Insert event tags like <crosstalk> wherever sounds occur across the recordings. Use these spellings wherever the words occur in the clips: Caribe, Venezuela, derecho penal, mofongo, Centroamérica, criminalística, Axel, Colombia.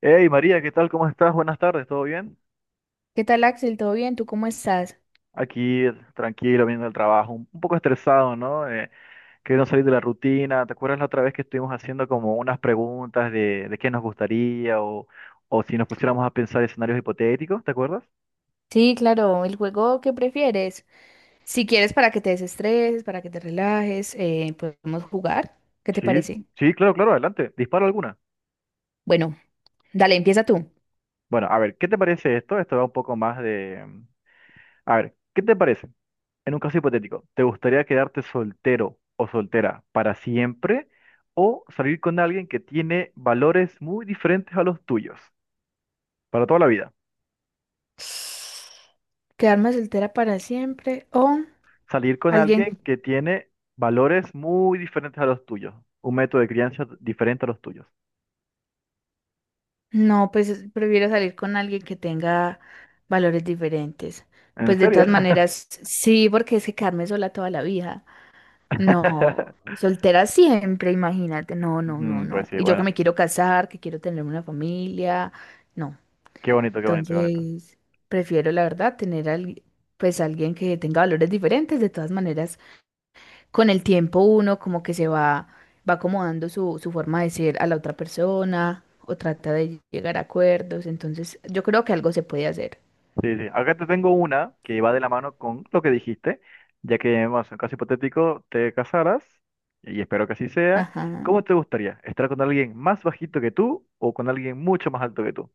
Hey María, ¿qué tal? ¿Cómo estás? Buenas tardes, ¿todo bien? ¿Qué tal, Axel? ¿Todo bien? ¿Tú cómo estás? Aquí tranquilo, viendo el trabajo, un poco estresado, ¿no? Queriendo salir de la rutina. ¿Te acuerdas la otra vez que estuvimos haciendo como unas preguntas de qué nos gustaría o si nos pusiéramos a pensar escenarios hipotéticos? ¿Te acuerdas? Sí, claro, el juego que prefieres. Si quieres para que te desestreses, para que te relajes, podemos jugar. ¿Qué te Sí, parece? sí, claro, claro, adelante. Disparo alguna. Bueno, dale, empieza tú. Bueno, a ver, ¿qué te parece esto? Esto va un poco más de. A ver, ¿qué te parece? En un caso hipotético, ¿te gustaría quedarte soltero o soltera para siempre o salir con alguien que tiene valores muy diferentes a los tuyos para toda la vida? ¿Quedarme soltera para siempre o Salir con alguien? alguien que tiene valores muy diferentes a los tuyos, un método de crianza diferente a los tuyos. No, pues prefiero salir con alguien que tenga valores diferentes. ¿En Pues de serio? todas maneras, sí, porque es que quedarme sola toda la vida. No, <laughs> soltera siempre, imagínate. No, no, no, pues no. sí, Y yo que bueno, me quiero casar, que quiero tener una familia. No. qué bonito, qué bonito, qué bonito. Entonces, prefiero, la verdad, pues alguien que tenga valores diferentes. De todas maneras, con el tiempo uno como que va acomodando su forma de ser a la otra persona o trata de llegar a acuerdos. Entonces, yo creo que algo se puede hacer. Sí, sí. Acá te tengo una que va de la mano con lo que dijiste, ya que, bueno, es un caso hipotético, te casaras, y espero que así sea. Ajá. ¿Cómo te gustaría? ¿Estar con alguien más bajito que tú o con alguien mucho más alto que tú?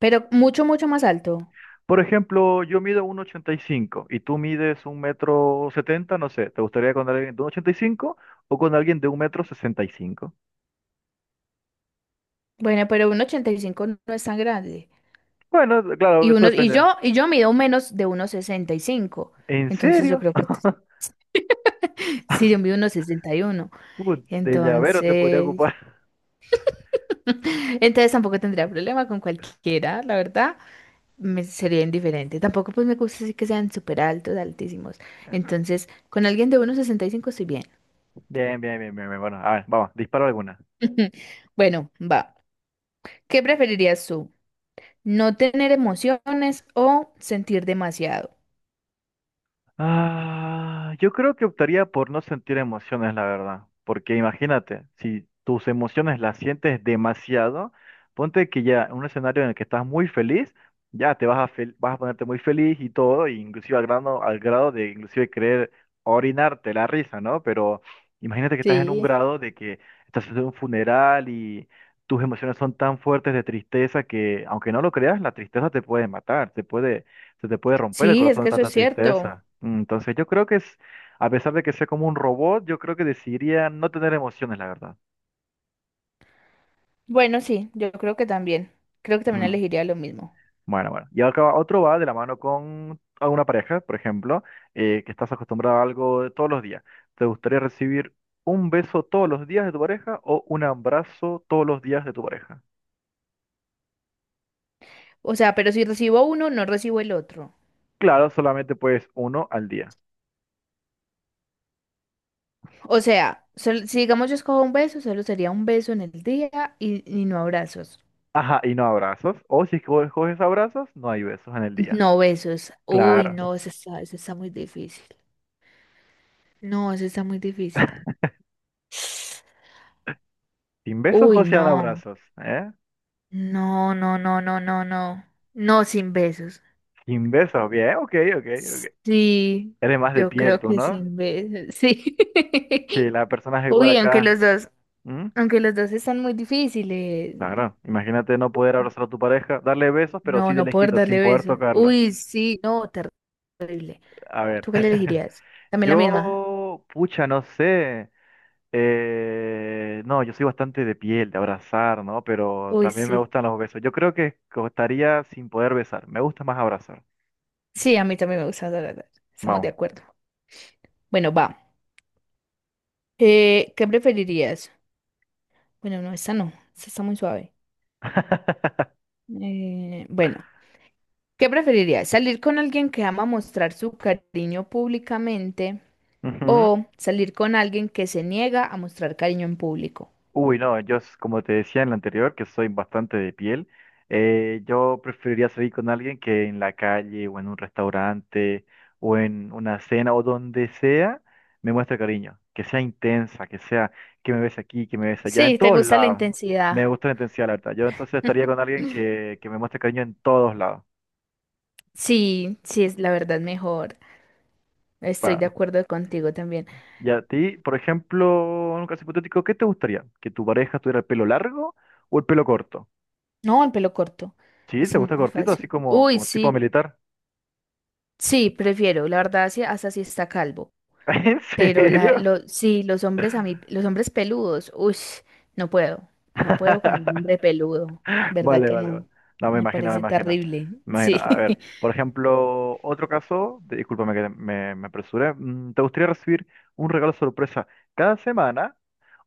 Pero mucho, mucho más alto. Por ejemplo, yo mido 1,85 y cinco y tú mides 1,70 m no sé. ¿Te gustaría con alguien de 1,85 o con alguien de 1,65 m? Bueno, pero un 85 no es tan grande. Bueno, claro, Y eso uno, y depende. yo, y yo mido menos de uno sesenta y cinco. ¿En Entonces yo serio? creo que <laughs> sí, yo mido <laughs> uno sesenta y uno. Uh, de llavero te podría Entonces, ocupar. entonces tampoco tendría problema con cualquiera, la verdad. Me sería indiferente. Tampoco pues me gusta así que sean súper altos, altísimos. Entonces, con alguien de uno sesenta y cinco estoy bien. <laughs> Bien, bien, bien, bien, bien. Bueno, a ver, vamos, dispara alguna. <laughs> Bueno, va. ¿Qué preferirías tú? ¿No tener emociones o sentir demasiado? Ah, yo creo que optaría por no sentir emociones, la verdad. Porque imagínate, si tus emociones las sientes demasiado, ponte que ya en un escenario en el que estás muy feliz, ya te vas a, vas a ponerte muy feliz y todo, e inclusive al grado de inclusive querer orinarte la risa, ¿no? Pero imagínate que estás en un Sí. grado de que estás en un funeral y tus emociones son tan fuertes de tristeza que, aunque no lo creas, la tristeza te puede matar, te puede se te puede romper el Sí, es corazón de que eso tanta es cierto. tristeza. Entonces yo creo que es, a pesar de que sea como un robot, yo creo que decidiría no tener emociones, la verdad. Bueno, sí, yo creo que también. Creo que también Mm, elegiría lo mismo. Bueno, bueno. Y acá otro va de la mano con alguna pareja, por ejemplo, que estás acostumbrado a algo de todos los días. ¿Te gustaría recibir un beso todos los días de tu pareja o un abrazo todos los días de tu pareja? O sea, pero si recibo uno, no recibo el otro. Claro, solamente puedes uno al día. O sea, si digamos yo escojo un beso, solo sería un beso en el día y no abrazos. Ajá, y no abrazos. O si coges abrazos, no hay besos en el día. No besos. Uy, Claro. no, eso está muy difícil. No, eso está muy difícil. <laughs> ¿Sin besos Uy, o sean no. abrazos? ¿Eh? No, no, no, no, no, no. No sin besos. Kim Beso, bien, ok, ok, ok. Sí, Eres más de yo piel creo tú, que ¿no? sin besos. Sí. Sí, <laughs> la persona es igual Uy, aunque los acá. dos. ¿Mm? Aunque los dos están muy difíciles. Claro, imagínate no poder abrazar a tu pareja, darle besos, pero sí No, de no poder lejito, sin darle poder besos. tocarlo. Uy, sí, no, terrible. A ver, ¿Tú qué le <laughs> elegirías? También la misma. yo, pucha, no sé. No, yo soy bastante de piel, de abrazar, ¿no? Pero Uy, también me sí. gustan los besos. Yo creo que costaría sin poder besar. Me gusta más abrazar. Sí, a mí también me gusta dar besos. Estamos de Vamos. acuerdo. Bueno, va. ¿Qué preferirías? Bueno, no, esta no. Esta está muy suave. <laughs> Bueno, ¿qué preferirías? ¿Salir con alguien que ama mostrar su cariño públicamente Ujú. o salir con alguien que se niega a mostrar cariño en público? Uy, no, como te decía en la anterior, que soy bastante de piel, yo preferiría salir con alguien que en la calle o en un restaurante o en una cena o donde sea me muestre cariño, que sea intensa, que sea que me ves aquí, que me ves allá, en Sí, ¿te todos gusta la lados. Me intensidad? gusta la intensidad, la verdad. Yo entonces estaría con alguien <laughs> que me muestre cariño en todos lados. Sí, sí, es la verdad mejor. Estoy de Bueno, acuerdo contigo también. y a ti, por ejemplo, en un caso hipotético, ¿qué te gustaría? ¿Que tu pareja tuviera el pelo largo o el pelo corto? No, el pelo corto. Sí, ¿te Está gusta muy cortito, así fácil. como, Uy, como tipo sí, militar? sí, prefiero. La verdad, sí, hasta si está calvo. <laughs> ¿En Pero serio? Sí, los hombres a mí, los hombres peludos, uy, no puedo. No puedo con un <laughs> hombre peludo. ¿Verdad Vale, que vale, vale. no? No, me Me imagino, me parece imagino. terrible. Me imagino. Sí. A ver, por <laughs> ejemplo, otro caso, discúlpame me apresuré. ¿Te gustaría recibir un regalo sorpresa cada semana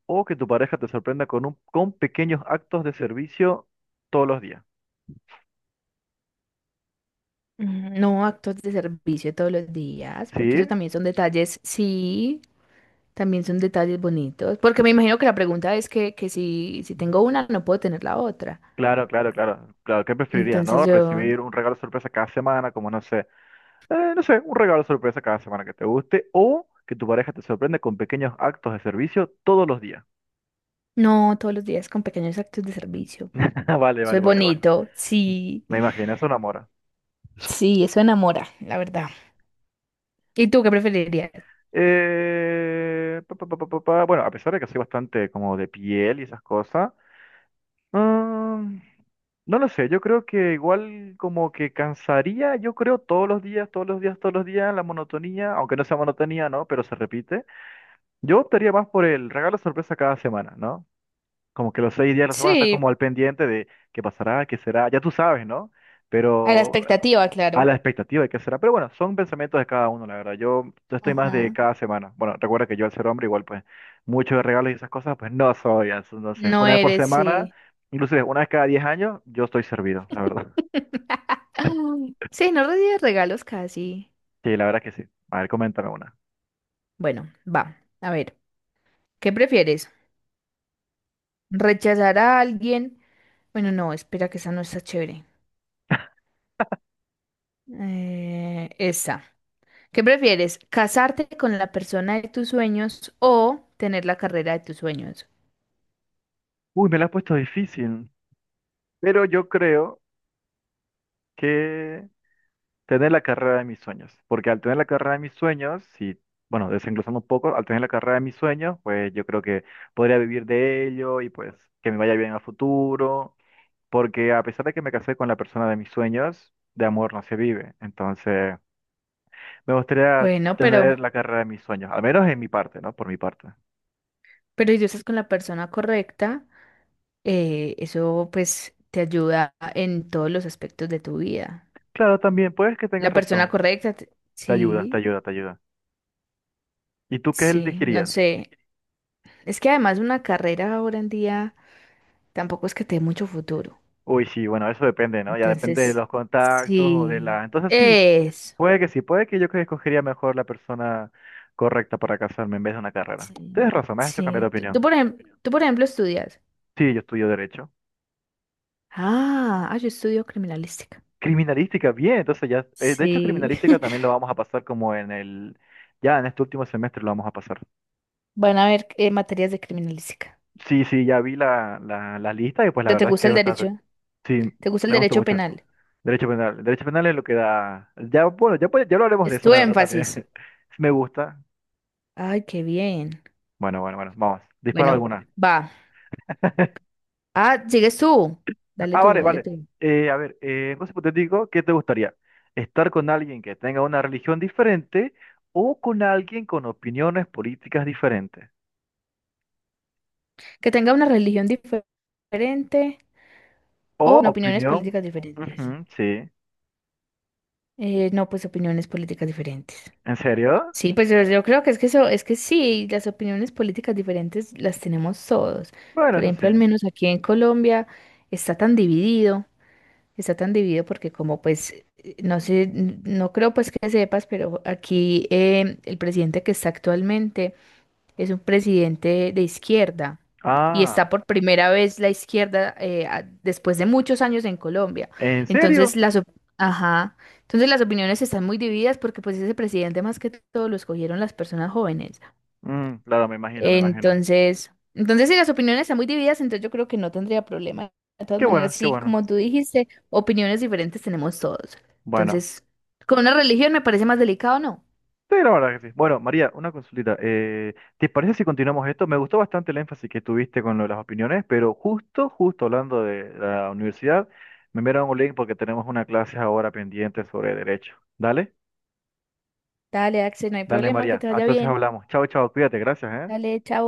o que tu pareja te sorprenda con pequeños actos de servicio todos los días? Mm, no actos de servicio todos los días, porque ¿Sí? eso también son detalles, sí, también son detalles bonitos, porque me imagino que la pregunta es que si, si tengo una, no puedo tener la otra. Claro, claro, claro. Claro, ¿qué preferirías, Entonces no? Recibir un regalo sorpresa cada semana, como no sé. No sé, un regalo sorpresa cada semana que te guste o que tu pareja te sorprende con pequeños actos de servicio todos los días. no, todos los días con pequeños actos de servicio. <laughs> Vale, Eso vale, es vale, bueno. bonito, sí, Me imagino, eso enamora. sí, eso enamora, la verdad. ¿Y tú qué preferirías? Pa, pa, pa, pa, pa, pa. Bueno, a pesar de que soy bastante como de piel y esas cosas, mm, no lo sé, yo creo que igual como que cansaría, yo creo todos los días, todos los días, todos los días, la monotonía, aunque no sea monotonía, ¿no? Pero se repite. Yo optaría más por el regalo sorpresa cada semana, ¿no? Como que los seis días de la semana estás Sí, como al pendiente de qué pasará, qué será, ya tú sabes, ¿no? a la Pero eh, expectativa, a claro. la expectativa de qué será. Pero bueno, son pensamientos de cada uno, la verdad. Yo estoy más de Ajá. cada semana. Bueno, recuerda que yo al ser hombre igual, pues, muchos de regalos y esas cosas, pues no soy. Entonces, No una vez por eres, semana, sí. inclusive una vez cada 10 años, yo estoy servido, la verdad. <laughs> Ay, sí, no recibes regalos casi. Sí, la verdad que sí. A ver, coméntame una. Bueno, va, a ver, ¿qué prefieres? ¿Rechazar a alguien? Bueno, no, espera que esa no está chévere. Esa. ¿Qué prefieres? ¿Casarte con la persona de tus sueños o tener la carrera de tus sueños? Uy, me la has puesto difícil, pero yo creo que... Tener la carrera de mis sueños, porque al tener la carrera de mis sueños, si, bueno, desenglosando un poco, al tener la carrera de mis sueños, pues yo creo que podría vivir de ello y pues que me vaya bien a futuro, porque a pesar de que me casé con la persona de mis sueños, de amor no se vive, entonces me gustaría Bueno, pero, tener la carrera de mis sueños, al menos en mi parte, ¿no? Por mi parte. pero si tú estás con la persona correcta, eso pues te ayuda en todos los aspectos de tu vida. Claro, también, puedes que La tengas persona razón, correcta, te ayuda, te sí, ayuda, te ayuda. ¿Y tú qué sí, no elegirías? sé. Es que además una carrera ahora en día tampoco es que te dé mucho futuro. Uy, sí, bueno, eso depende, ¿no? Ya depende de Entonces, los contactos o de sí, la... Entonces sí. es. Puede que sí, puede que yo que escogería mejor la persona correcta para casarme en vez de una carrera. Sí, Tienes razón, me has hecho cambiar de sí. Opinión. Por ejemplo, por ejemplo, estudias. Sí, yo estudio derecho. Yo estudio criminalística. Criminalística, bien, entonces ya, de hecho Sí. criminalística <laughs> también lo vamos a pasar como en el, ya en este último semestre lo vamos a pasar. Van a ver materias de criminalística. Sí, sí, ya vi la lista y pues la ¿Pero te verdad es que gusta es el bastante, derecho? sí, ¿Te gusta el me gustó derecho mucho. penal? Derecho penal es lo que da, ya, bueno, ya, ya lo haremos de Es eso tu la verdad énfasis. también. <laughs> Me gusta. Ay, qué bien. Bueno, bueno, bueno, vamos, dispara Bueno, alguna. va. Ah, sigues tú. Ah, vale, Dale vale. tú. En caso hipotético, ¿qué te gustaría? ¿Estar con alguien que tenga una religión diferente o con alguien con opiniones políticas diferentes? Que tenga una religión diferente ¿O o opiniones opinión? políticas diferentes. Ujú, sí. No, pues opiniones políticas diferentes. ¿En serio? Sí, pues yo creo que es que eso, es que sí, las opiniones políticas diferentes las tenemos todos. Bueno, Por eso sí. ejemplo, al menos aquí en Colombia está tan dividido, está tan dividido porque como pues, no sé, no creo pues que sepas, pero aquí el presidente que está actualmente es un presidente de izquierda y está Ah, por primera vez la izquierda después de muchos años en Colombia. ¿en Entonces serio? las, op- ajá, entonces las opiniones están muy divididas porque pues ese presidente más que todo lo escogieron las personas jóvenes. Claro, me imagino, me imagino. Entonces si las opiniones están muy divididas, entonces yo creo que no tendría problema. De todas Qué maneras, bueno, qué sí, bueno. como tú dijiste, opiniones diferentes tenemos todos. Bueno. Entonces, con una religión me parece más delicado, ¿no? Sí, la verdad que sí. Bueno, María, una consultita. ¿Te parece si continuamos esto? Me gustó bastante el énfasis que tuviste con lo de las opiniones, pero justo, justo hablando de la universidad, me enviaron un link porque tenemos una clase ahora pendiente sobre derecho. Dale, Dale, Axel, no hay dale, problema, que María. te vaya Entonces bien. hablamos. Chao, chao, cuídate, gracias, ¿eh? Dale, chao.